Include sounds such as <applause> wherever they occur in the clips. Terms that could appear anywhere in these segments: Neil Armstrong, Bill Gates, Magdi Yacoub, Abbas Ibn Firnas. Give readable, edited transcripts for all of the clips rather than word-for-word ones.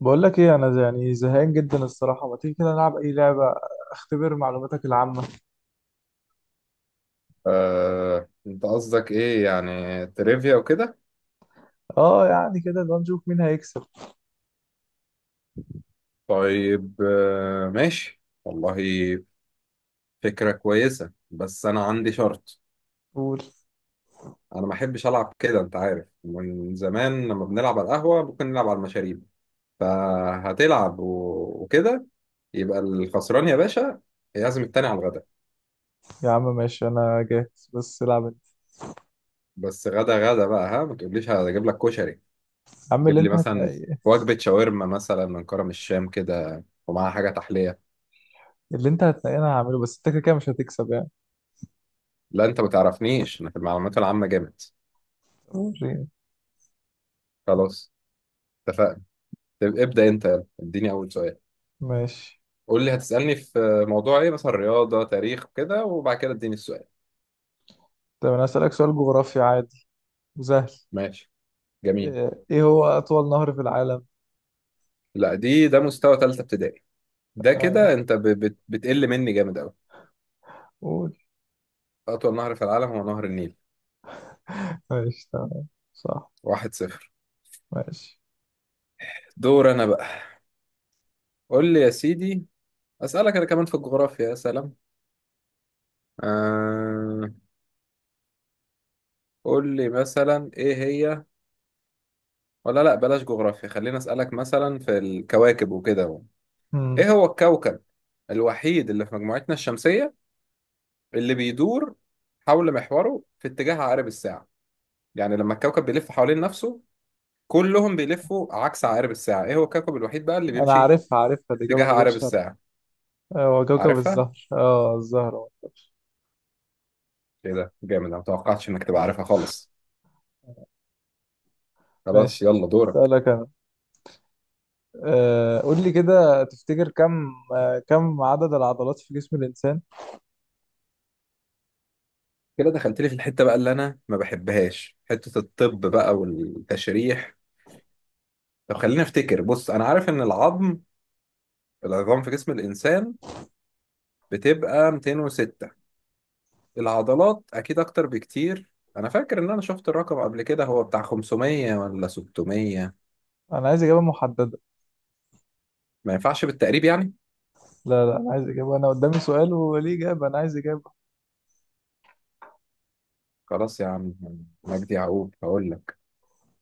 بقول لك ايه انا يعني زهقان جدا الصراحه، ما تيجي كده نلعب اي لعبه؟ اختبر معلوماتك العامه. انت قصدك ايه يعني تريفيا وكده؟ اه، يعني كده لو نشوف مين هيكسب. طيب، ماشي والله. فكرة كويسة بس انا عندي شرط. قول. انا ما احبش العب كده، انت عارف من زمان لما بنلعب على القهوة ممكن نلعب على المشاريب. فهتلعب و- وكده، يبقى الخسران يا باشا يعزم التاني على الغدا. يا عم ماشي، انا جاهز بس العب انت. بس غدا غدا بقى، ها، ما تقوليش هجيب لك كشري. يا عم اللي جيب لي انت مثلا هتنقيه. وجبة شاورما مثلا من كرم الشام كده ومعاها حاجة تحلية. اللي انت هتنقيه انا هعمله، بس انت كده كده مش هتكسب يعني. لا، انت ما تعرفنيش، انا في المعلومات العامة جامد. وريني. خلاص، اتفقنا. طب ابدأ انت، يلا اديني اول سؤال. ماشي. قول لي هتسألني في موضوع ايه، مثلا رياضة، تاريخ كده، وبعد كده اديني السؤال. طب انا هسألك سؤال جغرافي عادي وسهل. ماشي، جميل. إيه هو اطول نهر في العالم؟ لا، ده مستوى ثالثة ابتدائي. ده اه. كده انت بتقل مني جامد قوي. قول. اطول نهر في العالم هو نهر النيل. ماشي تمام. صح. واحد صفر. ماشي. دور انا بقى. قول لي يا سيدي، اسألك انا كمان في الجغرافيا، يا سلام. آه... قول لي مثلا ايه هي، ولا لا، بلاش جغرافيا، خلينا اسألك مثلا في الكواكب وكده. مم. ايه هو الكوكب الوحيد اللي في مجموعتنا الشمسية اللي بيدور حول محوره في اتجاه عقارب الساعة؟ يعني لما الكوكب بيلف حوالين نفسه، كلهم بيلفوا عكس عقارب الساعة، ايه هو الكوكب الوحيد بقى اللي انا بيمشي في عارفها عارفها، دي اجابه اتجاه من غير عقارب شرح. الساعة؟ هو كوكب عارفها؟ الزهر، الزهر. ايه ده، جامد! انا متوقعتش انك تبقى عارفها خالص. خلاص، ماشي. يلا دورك. اسألك انا. قول لي كده تفتكر كم عدد العضلات في جسم الانسان؟ كده دخلت لي في الحتة بقى اللي انا ما بحبهاش، حتة الطب بقى والتشريح. طب خليني افتكر. بص، انا عارف ان العظام في جسم الانسان بتبقى 206. العضلات اكيد اكتر بكتير. انا فاكر ان انا شفت الرقم قبل كده، هو بتاع 500 ولا 600. انا عايز اجابة محددة. ما ينفعش بالتقريب يعني؟ لا لا، انا عايز اجابة، انا قدامي سؤال وليه اجابة، انا عايز اجابة. خلاص يا عم مجدي يعقوب هقول لك.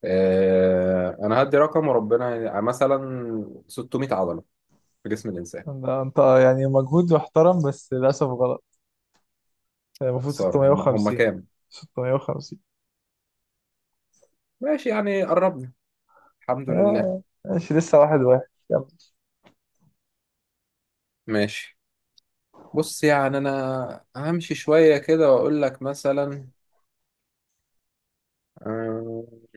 انا هدي رقم وربنا، يعني مثلا 600 عضلة في جسم الانسان. انت يعني مجهود محترم بس للاسف غلط. يعني المفروض خسارة. هم 650. كام؟ 650. ماشي، يعني قربنا، الحمد لله. اه ماشي، لسه واحد واحد كم؟ ماشي. بص يعني انا همشي شوية كده واقول لك مثلا. آه،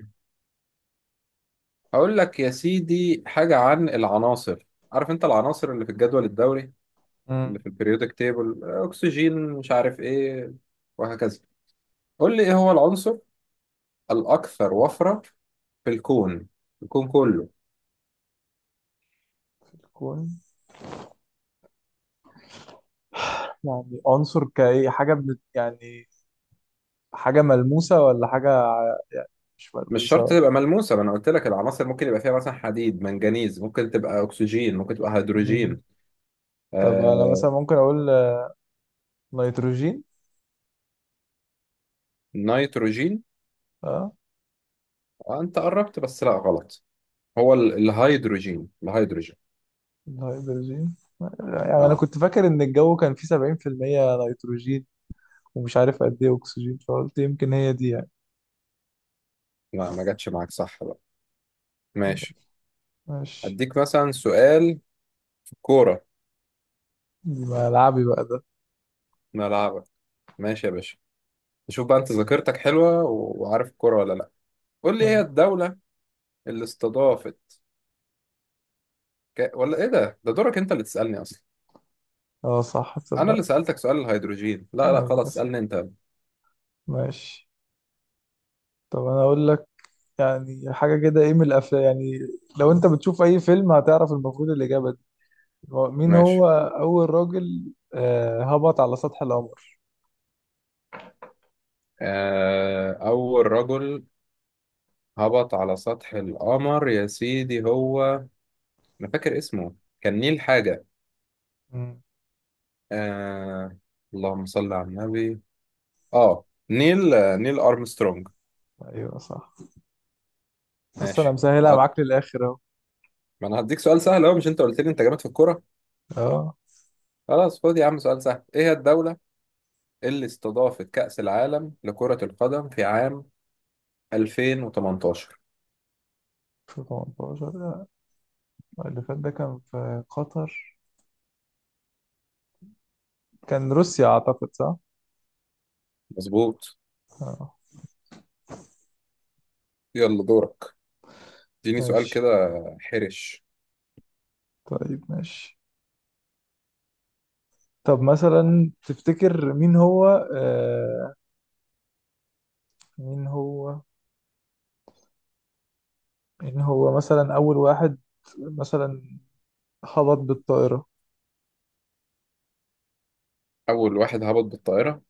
هقول لك يا سيدي حاجة عن العناصر. عارف انت العناصر اللي في الجدول الدوري، اللي مم. في البريودك تيبل، اكسجين مش عارف ايه، وهكذا. قول لي ايه هو العنصر الاكثر وفرة في الكون، الكون كله. في الكون. يعني عنصر كأي حاجة بنت يعني، حاجة ملموسة ولا حاجة، يعني مش مش ملموسة شرط ولا. تبقى ملموسة، ما انا قلت لك العناصر ممكن يبقى فيها مثلا حديد، منجنيز، ممكن تبقى اكسجين، ممكن تبقى مم. هيدروجين. طب انا آه... مثلا ممكن اقول نيتروجين. نيتروجين؟ اه انت قربت بس لا، غلط. هو الهيدروجين. الهيدروجين. يعني انا اه، كنت فاكر ان الجو كان فيه 70% نيتروجين، ومش عارف قد ايه اكسجين، فقلت يمكن هي دي يعني. لا ما جاتش معاك، صح بقى. ماشي، ماشي. اديك مثلا سؤال كورة. دي ملعبي بقى ده. ملعبك. ماشي يا باشا، نشوف بقى انت ذاكرتك حلوة و- وعارف الكورة ولا لا. قول لي ايه هي اه. الدولة اللي استضافت ولا ايه، ده دورك انت اللي تسألني اصلا. صح انا تصدق. اللي سألتك سؤال الهيدروجين، لا لا، خلاص ايوه صح. اسألني انت. ماشي. طب انا اقول لك يعني حاجة كده، ايه من الافلام يعني؟ لو انت بتشوف اي فيلم هتعرف المفروض الاجابة دي. مين ماشي. هو اول راجل هبط على سطح القمر؟ اول رجل هبط على سطح القمر يا سيدي هو، انا فاكر اسمه كان نيل حاجة. مم. آه... اللهم صل على النبي. اه، نيل، نيل ارمسترونج. ايوه صح. بس انا ماشي. مسهلها عط- معاك للاخر اهو. ما انا هديك سؤال سهل اهو، مش انت قلت لي انت جامد في الكورة؟ اه. خلاص، خد يا عم سؤال سهل. ايه هي الدولة اللي استضافت كأس العالم لكرة القدم في عام 2018؟ 2018 لا، اللي فات ده كان في قطر، كان روسيا أعتقد صح؟ مظبوط. آه. يلا دورك، اديني سؤال ماشي. كده حرش. طيب ماشي. طب مثلا تفتكر مين هو آه مين هو مين هو مثلا أول واحد مثلا خبط بالطائرة؟ أول واحد هبط بالطائرة؟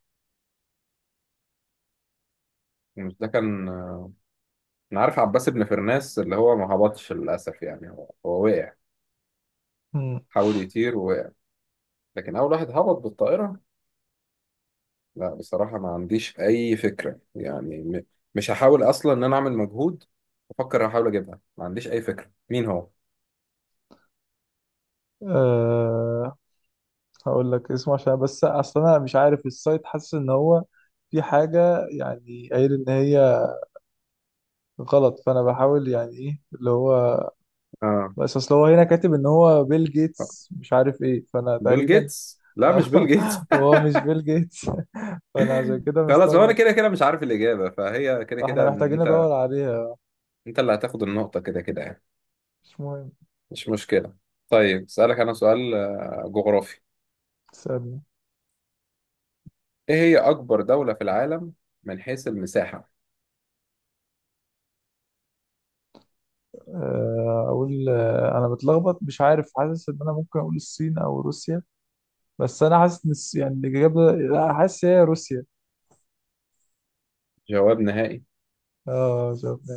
مش ده كان، أنا عارف عباس بن فرناس اللي هو ما هبطش للأسف، يعني هو وقع، مم. حاول يطير ووقع. لكن أول واحد هبط بالطائرة، لا بصراحة ما عنديش أي فكرة يعني، مش هحاول أصلا إن أنا أعمل مجهود. أفكر أحاول أجيبها، ما عنديش أي فكرة مين هو؟ آه هقول لك اسمه عشان، بس أصل أنا مش عارف السايت، حاسس إن هو في حاجة يعني قايل إن هي غلط، فأنا بحاول يعني إيه اللي هو. آه بس اصل هو هنا كاتب ان هو بيل جيتس مش عارف ايه فانا بيل تقريبا... جيتس؟ لا مش بيل جيتس. <laughs> هو مش بيل جيتس <laughs> فانا عشان كده خلاص، هو انا مستغرب. كده كده مش عارف الاجابه، فهي كده فاحنا كده إن محتاجين انت ندور عليها. انت اللي هتاخد النقطه كده كده يعني. مش مهم. مش مشكله. طيب اسالك انا سؤال جغرافي. استنى. ايه هي اكبر دوله في العالم من حيث المساحه؟ اقول انا متلخبط مش عارف، حاسس ان انا ممكن اقول الصين او روسيا، بس انا حاسس ان يعني الاجابه، لا، حاسس هي روسيا. جواب نهائي؟ اه شفنا.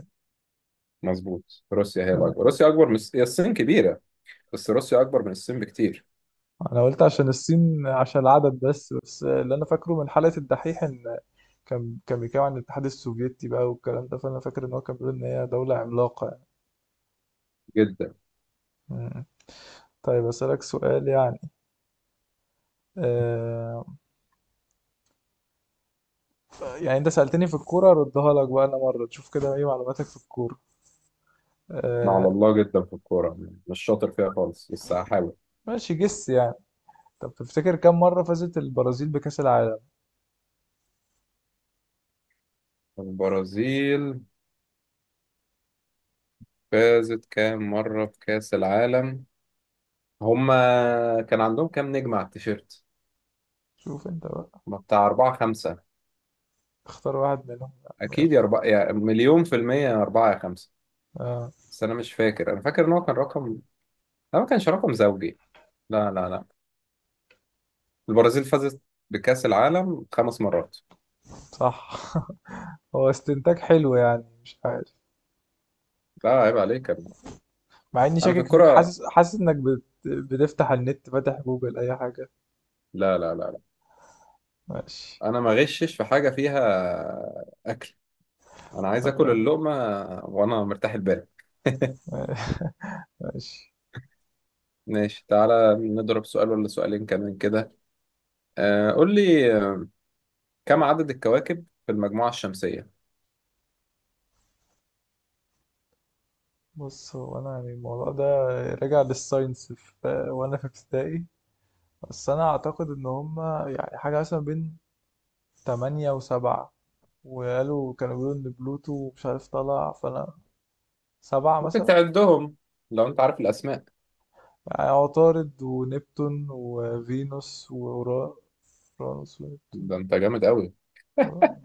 مظبوط، روسيا هي آه. الاكبر، روسيا اكبر من، هي الصين كبيره، بس روسيا اكبر من الصين بكتير انا قلت عشان الصين عشان العدد، بس اللي انا فاكره من حلقه الدحيح ان كان بيتكلم عن الاتحاد السوفيتي بقى، والكلام ده، فانا فاكر ان هو كان بيقول ان هي دولة عملاقة يعني. جدا. مم. طيب اسالك سؤال يعني، آه يعني انت سالتني في الكوره، اردها لك بقى انا مره، تشوف كده ايه معلوماتك في الكوره. أنا على آه الله جدا في الكوره، مش شاطر فيها خالص بس هحاول. ماشي جس يعني. طب تفتكر كم مره فازت البرازيل بكاس العالم؟ البرازيل فازت كام مره بكاس العالم؟ هما كان عندهم كام نجم على التيشيرت؟ شوف انت بقى. ما بتاع أربعة خمسة. اختار واحد منهم يعني. أكيد، يا يلا. أربعة يا مليون في المية، يا أربعة يا خمسة. آه بس أنا مش فاكر، أنا فاكر إن هو كان رقم، لا ما كانش رقم زوجي، لا لا لا. البرازيل فازت بكأس العالم خمس مرات. صح. <laughs> هو استنتاج حلو يعني مش عارف. لا عيب عليك يا ابني. مع اني أنا في شاكك فيك، الكرة. حاسس حاسس انك بتفتح النت، فاتح جوجل اي حاجه. لا لا لا لا، ماشي. أنا ما غشش في حاجة فيها. أكل. أنا عايز طب يا آكل عم. اللقمة وأنا مرتاح البال. <laughs> <laughs> ماشي. ماشي، تعالى نضرب سؤال ولا سؤالين كمان كده. قول لي كم عدد الكواكب في المجموعة الشمسية؟ بص هو انا يعني الموضوع ده راجع للساينس في وانا في ابتدائي، بس انا اعتقد ان هما يعني حاجه مثلا بين 8 و7، وقالوا كانوا بيقولوا ان بلوتو مش عارف طلع، فانا سبعة ممكن مثلا. تعدهم لو أنت عارف الأسماء. يعني عطارد ونبتون وفينوس وأورا فرانوس ونبتون. ده انت جامد قوي،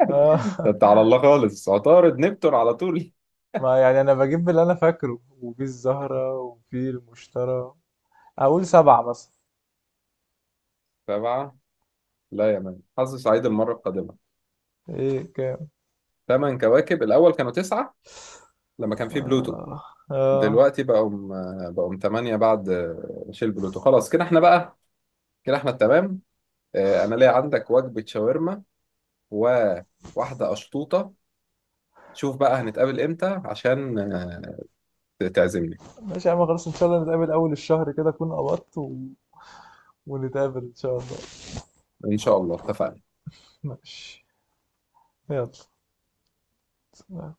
آه. ده انت <laughs> على الله خالص، عطارد نبتون على طول. ما يعني انا بجيب اللي انا فاكره، وفي الزهرة وفي المشتري، اقول سبعة مثلا. سبعة؟ لا يا مان، حظ سعيد المرة القادمة. ايه كام؟ ثمان كواكب. الأول كانوا تسعة لما كان في بلوتو، آه. آه. دلوقتي بقوا ثمانية بعد، شيل بلوتو خلاص، كده احنا بقى كده احنا التمام. أنا ليا عندك وجبة شاورما وواحدة أشطوطة، شوف بقى هنتقابل امتى عشان تعزمني. ماشي يا عم خلاص، ان شاء الله نتقابل اول الشهر كده، اكون قبضت و... ونتقابل ان شاء الله. إن شاء الله، اتفقنا. ماشي. يلا.